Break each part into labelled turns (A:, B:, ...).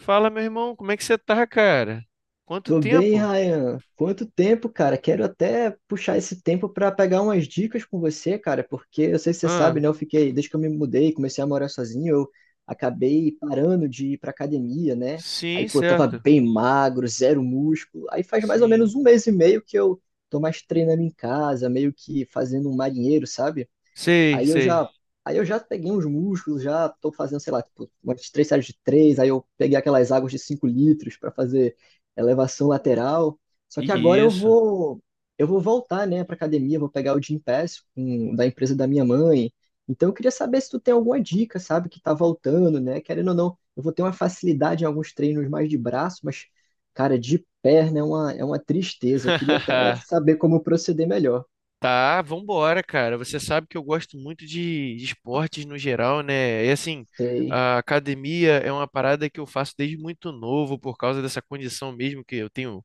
A: Fala, meu irmão, como é que você tá, cara? Quanto
B: Tô bem,
A: tempo?
B: Ryan. Quanto tempo, cara? Quero até puxar esse tempo para pegar umas dicas com você, cara, porque eu sei se você sabe,
A: Ah,
B: né? Eu fiquei, desde que eu me mudei, comecei a morar sozinho, eu acabei parando de ir pra academia, né? Aí,
A: sim,
B: pô, tava
A: certo.
B: bem magro, zero músculo. Aí faz mais ou
A: Sim.
B: menos um mês e meio que eu tô mais treinando em casa, meio que fazendo um marinheiro, sabe?
A: Sei,
B: Aí eu
A: sei.
B: já, aí eu já peguei uns músculos, já tô fazendo, sei lá, tipo, umas três séries de três, aí eu peguei aquelas águas de 5 litros para fazer elevação lateral. Só que agora eu
A: Isso.
B: vou, eu vou voltar, né, para academia, vou pegar o Gym Pass um, da empresa da minha mãe. Então eu queria saber se tu tem alguma dica, sabe, que tá voltando, né? Querendo ou não, eu vou ter uma facilidade em alguns treinos mais de braço, mas cara, de perna é uma tristeza. Eu queria até saber como proceder melhor.
A: Tá, vambora, cara. Você sabe que eu gosto muito de esportes no geral, né? E assim,
B: Sei,
A: a academia é uma parada que eu faço desde muito novo, por causa dessa condição mesmo que eu tenho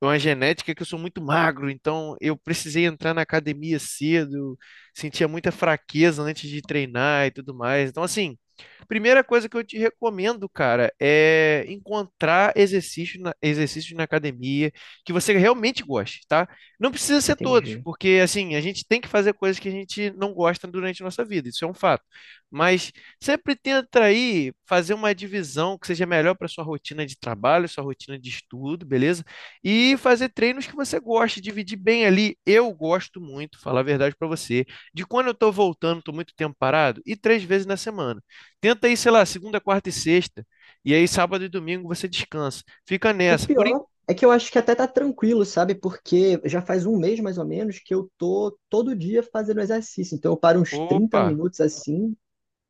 A: uma genética que eu sou muito magro, então eu precisei entrar na academia cedo, sentia muita fraqueza antes de treinar e tudo mais. Então, assim, primeira coisa que eu te recomendo, cara, é encontrar exercícios na academia que você realmente goste, tá? Não precisa ser todos,
B: entendi.
A: porque, assim, a gente tem que fazer coisas que a gente não gosta durante a nossa vida, isso é um fato. Mas sempre tenta aí fazer uma divisão que seja melhor para sua rotina de trabalho, sua rotina de estudo, beleza? E fazer treinos que você gosta, dividir bem ali. Eu gosto muito, falar a verdade para você, de quando eu estou voltando, estou muito tempo parado, e três vezes na semana. Tenta aí, sei lá, segunda, quarta e sexta, e aí sábado e domingo você descansa. Fica
B: O
A: nessa. Por en-
B: pior é que eu acho que até tá tranquilo, sabe? Porque já faz um mês mais ou menos que eu tô todo dia fazendo exercício. Então eu paro uns 30
A: Opa,
B: minutos assim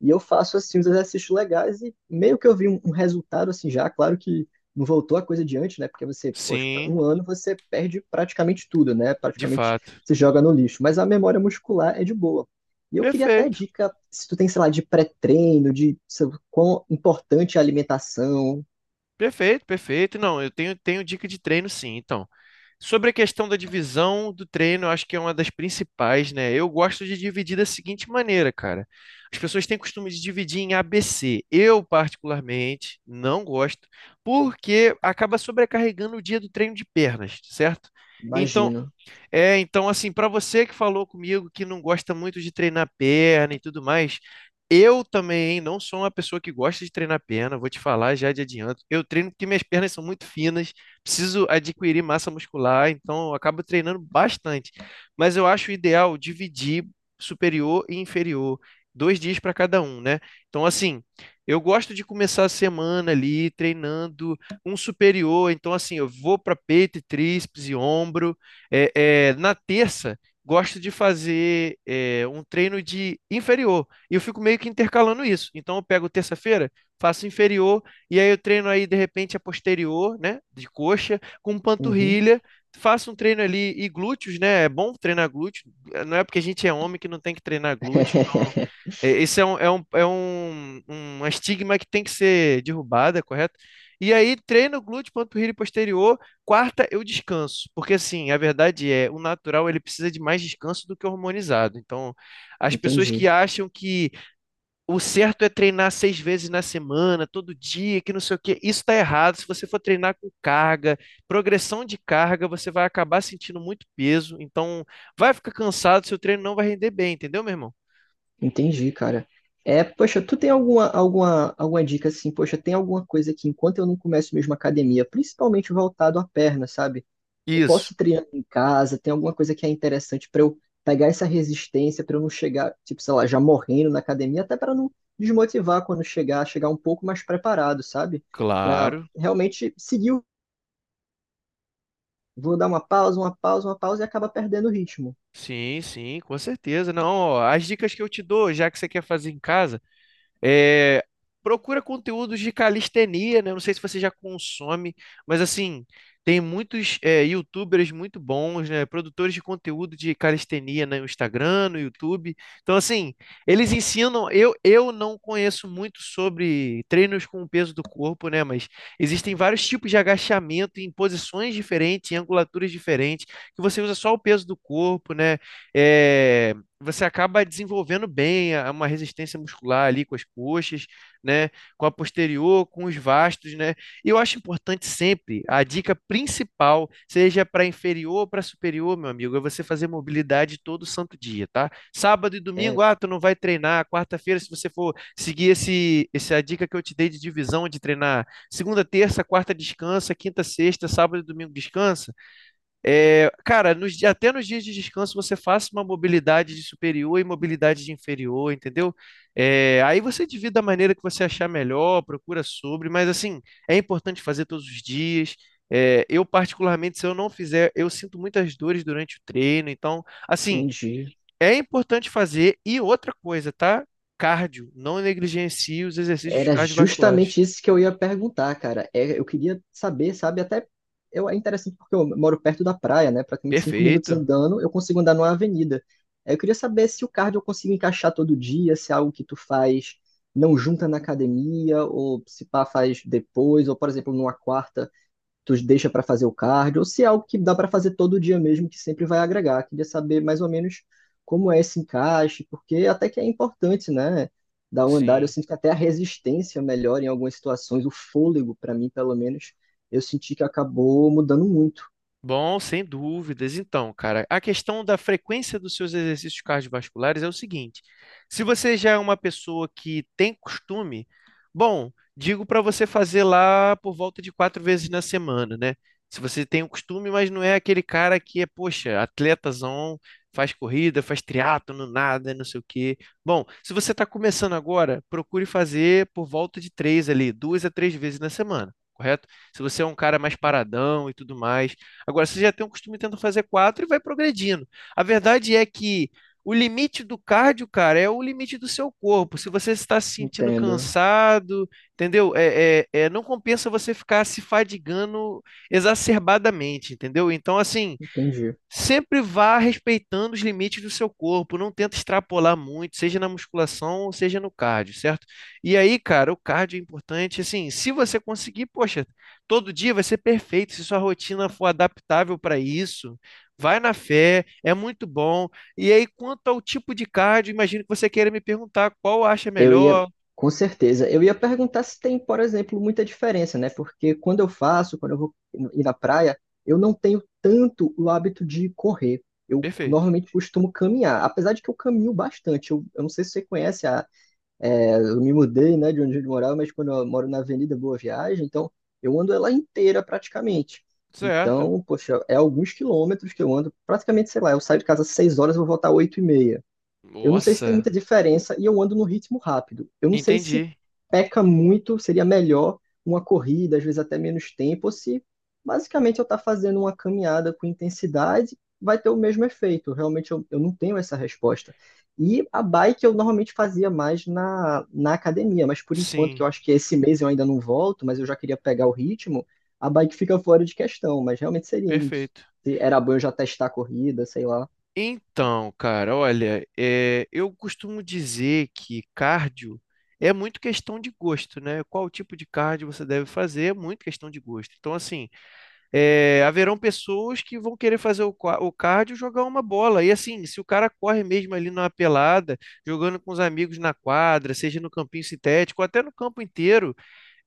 B: e eu faço assim os exercícios legais e meio que eu vi um resultado assim já. Claro que não voltou a coisa de antes, né? Porque você, poxa,
A: sim,
B: um ano você perde praticamente tudo, né?
A: de
B: Praticamente
A: fato.
B: se joga no lixo. Mas a memória muscular é de boa. E eu queria até
A: Perfeito,
B: dica, se tu tem, sei lá, de pré-treino, de sei lá, quão importante é a alimentação,
A: perfeito, perfeito. Não, eu tenho, tenho dica de treino, sim. Então. Sobre a questão da divisão do treino, eu acho que é uma das principais, né? Eu gosto de dividir da seguinte maneira, cara. As pessoas têm costume de dividir em ABC. Eu, particularmente, não gosto, porque acaba sobrecarregando o dia do treino de pernas, certo? Então,
B: imagino.
A: então, assim, para você que falou comigo que não gosta muito de treinar perna e tudo mais, eu também não sou uma pessoa que gosta de treinar perna, vou te falar já de adianto. Eu treino porque minhas pernas são muito finas, preciso adquirir massa muscular, então eu acabo treinando bastante. Mas eu acho ideal dividir superior e inferior, dois dias para cada um, né? Então, assim, eu gosto de começar a semana ali treinando um superior, então, assim, eu vou para peito, e tríceps e ombro. É, na terça, gosto de fazer um treino de inferior. E eu fico meio que intercalando isso. Então, eu pego terça-feira, faço inferior, e aí eu treino aí, de repente, a posterior, né? De coxa, com
B: Uhum.
A: panturrilha. Faço um treino ali e glúteos, né? É bom treinar glúteo. Não é porque a gente é homem que não tem que treinar glúteo. Então, esse é um estigma que tem que ser derrubada, correto? E aí, treino glúteo, panturrilha e posterior. Quarta, eu descanso, porque assim, a verdade é, o natural ele precisa de mais descanso do que o hormonizado. Então, as pessoas que
B: Entendi,
A: acham que o certo é treinar seis vezes na semana, todo dia, que não sei o quê, isso está errado. Se você for treinar com carga, progressão de carga, você vai acabar sentindo muito peso. Então, vai ficar cansado, seu treino não vai render bem, entendeu, meu irmão?
B: entendi, cara. É, poxa, tu tem alguma dica assim? Poxa, tem alguma coisa que enquanto eu não começo mesmo a academia, principalmente voltado à perna, sabe? Eu
A: Isso.
B: posso ir treinando em casa, tem alguma coisa que é interessante pra eu pegar essa resistência, pra eu não chegar, tipo, sei lá, já morrendo na academia, até pra não desmotivar quando chegar, chegar um pouco mais preparado, sabe? Pra
A: Claro,
B: realmente seguir, vou dar uma pausa e acaba perdendo o ritmo.
A: sim, sim, com certeza. Não, ó, as dicas que eu te dou, já que você quer fazer em casa. É, procura conteúdos de calistenia, né? Não sei se você já consome, mas assim, tem muitos YouTubers muito bons, né? Produtores de conteúdo de calistenia, né? No Instagram, no YouTube. Então, assim, eles ensinam. Eu não conheço muito sobre treinos com o peso do corpo, né? Mas existem vários tipos de agachamento em posições diferentes, em angulaturas diferentes, que você usa só o peso do corpo, né? É, você acaba desenvolvendo uma resistência muscular ali com as coxas, né? Com a posterior, com os vastos, né? E eu acho importante sempre, a dica principal, seja para inferior ou para superior, meu amigo, é você fazer mobilidade todo santo dia, tá? Sábado e domingo,
B: É,
A: ah, tu não vai treinar. Quarta-feira, se você for seguir essa dica que eu te dei de divisão de treinar, segunda, terça, quarta descansa, quinta, sexta, sábado e domingo descansa. É, cara, até nos dias de descanso você faça uma mobilidade de superior e mobilidade de inferior, entendeu? É, aí você divide da maneira que você achar melhor, procura sobre, mas assim, é importante fazer todos os dias. É, eu, particularmente, se eu não fizer, eu sinto muitas dores durante o treino, então, assim,
B: entendi.
A: é importante fazer. E outra coisa, tá? Cardio, não negligencie os exercícios
B: Era
A: cardiovasculares.
B: justamente isso que eu ia perguntar, cara. É, eu queria saber, sabe, é interessante porque eu moro perto da praia, né? Praticamente 5 minutos
A: Perfeito,
B: andando, eu consigo andar numa avenida. Aí eu queria saber se o cardio eu consigo encaixar todo dia, se é algo que tu faz não junta na academia, ou se pá faz depois, ou por exemplo, numa quarta tu deixa para fazer o cardio, ou se é algo que dá para fazer todo dia mesmo, que sempre vai agregar. Queria saber mais ou menos como é esse encaixe, porque até que é importante, né? Dar um andar, eu
A: sim.
B: sinto que até a resistência melhora em algumas situações, o fôlego, para mim, pelo menos, eu senti que acabou mudando muito.
A: Bom, sem dúvidas. Então, cara, a questão da frequência dos seus exercícios cardiovasculares é o seguinte: se você já é uma pessoa que tem costume, bom, digo para você fazer lá por volta de quatro vezes na semana, né? Se você tem o costume, mas não é aquele cara que é, poxa, atletazão, faz corrida, faz triatlo, nada, não sei o quê. Bom, se você está começando agora, procure fazer por volta de três ali, duas a três vezes na semana, correto? Se você é um cara mais paradão e tudo mais. Agora, você já tem um costume tentando fazer quatro e vai progredindo. A verdade é que o limite do cardio, cara, é o limite do seu corpo. Se você está se sentindo
B: Entendo,
A: cansado, entendeu? Não compensa você ficar se fadigando exacerbadamente, entendeu? Então, assim,
B: entendi.
A: sempre vá respeitando os limites do seu corpo, não tenta extrapolar muito, seja na musculação ou seja no cardio, certo? E aí, cara, o cardio é importante, assim, se você conseguir, poxa, todo dia vai ser perfeito, se sua rotina for adaptável para isso, vai na fé, é muito bom. E aí, quanto ao tipo de cardio, imagino que você queira me perguntar qual acha
B: Eu ia,
A: melhor.
B: com certeza, eu ia perguntar se tem, por exemplo, muita diferença, né? Porque quando eu vou ir na praia, eu não tenho tanto o hábito de correr. Eu
A: Perfeito.
B: normalmente costumo caminhar, apesar de que eu caminho bastante. Eu não sei se você conhece, eu me mudei, né, de onde eu morava, mas quando eu moro na Avenida Boa Viagem, então eu ando ela inteira praticamente.
A: Certo.
B: Então, poxa, é alguns quilômetros que eu ando, praticamente, sei lá, eu saio de casa às 6h, eu vou voltar às 8h30. Eu não sei se tem
A: Nossa,
B: muita diferença e eu ando no ritmo rápido. Eu não sei se
A: entendi.
B: peca muito, seria melhor uma corrida, às vezes até menos tempo, ou se basicamente eu estar fazendo uma caminhada com intensidade, vai ter o mesmo efeito. Realmente eu não tenho essa resposta. E a bike eu normalmente fazia mais na academia, mas por enquanto, que
A: Sim,
B: eu acho que esse mês eu ainda não volto, mas eu já queria pegar o ritmo, a bike fica fora de questão, mas realmente seria isso.
A: perfeito.
B: Se era bom eu já testar a corrida, sei lá.
A: Então, cara, olha, eu costumo dizer que cardio é muito questão de gosto, né? Qual tipo de cardio você deve fazer é muito questão de gosto. Então, assim, haverão pessoas que vão querer fazer o cardio e jogar uma bola. E assim, se o cara corre mesmo ali numa pelada, jogando com os amigos na quadra, seja no campinho sintético, ou até no campo inteiro,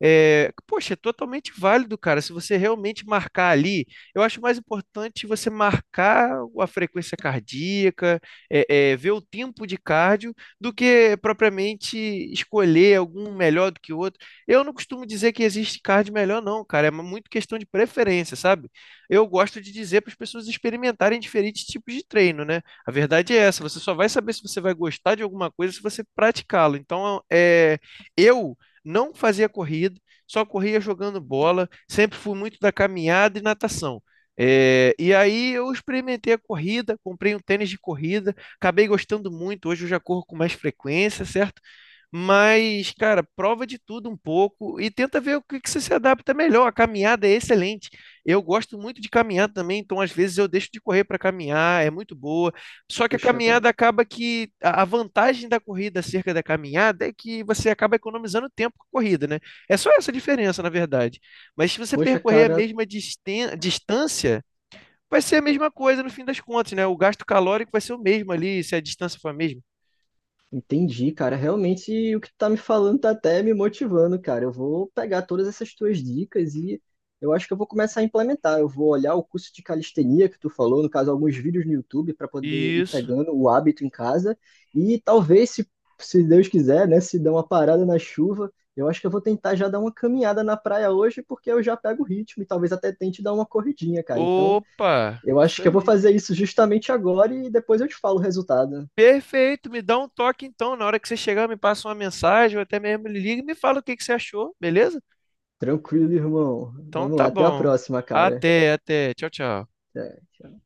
A: poxa, é totalmente válido, cara. Se você realmente marcar ali, eu acho mais importante você marcar a frequência cardíaca, ver o tempo de cardio, do que propriamente escolher algum melhor do que o outro. Eu não costumo dizer que existe cardio melhor, não, cara. É muito questão de preferência, sabe? Eu gosto de dizer para as pessoas experimentarem diferentes tipos de treino, né? A verdade é essa. Você só vai saber se você vai gostar de alguma coisa se você praticá-lo. Então, é, eu não fazia corrida, só corria jogando bola, sempre fui muito da caminhada e natação. É, e aí eu experimentei a corrida, comprei um tênis de corrida, acabei gostando muito, hoje eu já corro com mais frequência, certo? Mas, cara, prova de tudo um pouco e tenta ver o que que você se adapta melhor. A caminhada é excelente. Eu gosto muito de caminhar também, então às vezes eu deixo de correr para caminhar, é muito boa. Só que a
B: Poxa, cara.
A: caminhada acaba que a vantagem da corrida acerca da caminhada é que você acaba economizando tempo com a corrida, né? É só essa diferença, na verdade. Mas se você
B: Poxa,
A: percorrer a
B: cara,
A: mesma distância, vai ser a mesma coisa no fim das contas, né? O gasto calórico vai ser o mesmo ali, se a distância for a mesma.
B: entendi, cara. Realmente o que tu tá me falando tá até me motivando, cara. Eu vou pegar todas essas tuas dicas e eu acho que eu vou começar a implementar. Eu vou olhar o curso de calistenia que tu falou, no caso, alguns vídeos no YouTube para poder ir
A: Isso.
B: pegando o hábito em casa e talvez se Deus quiser, né, se der uma parada na chuva, eu acho que eu vou tentar já dar uma caminhada na praia hoje porque eu já pego o ritmo e talvez até tente dar uma corridinha, cara. Então,
A: Opa,
B: eu acho
A: isso
B: que eu vou
A: aí.
B: fazer isso justamente agora e depois eu te falo o resultado.
A: Perfeito, me dá um toque então. Na hora que você chegar, me passa uma mensagem, ou até mesmo me liga e me fala o que que você achou, beleza?
B: Tranquilo, irmão.
A: Então
B: Vamos
A: tá
B: lá, até a
A: bom.
B: próxima, cara.
A: Até, até. Tchau, tchau.
B: Até, tchau.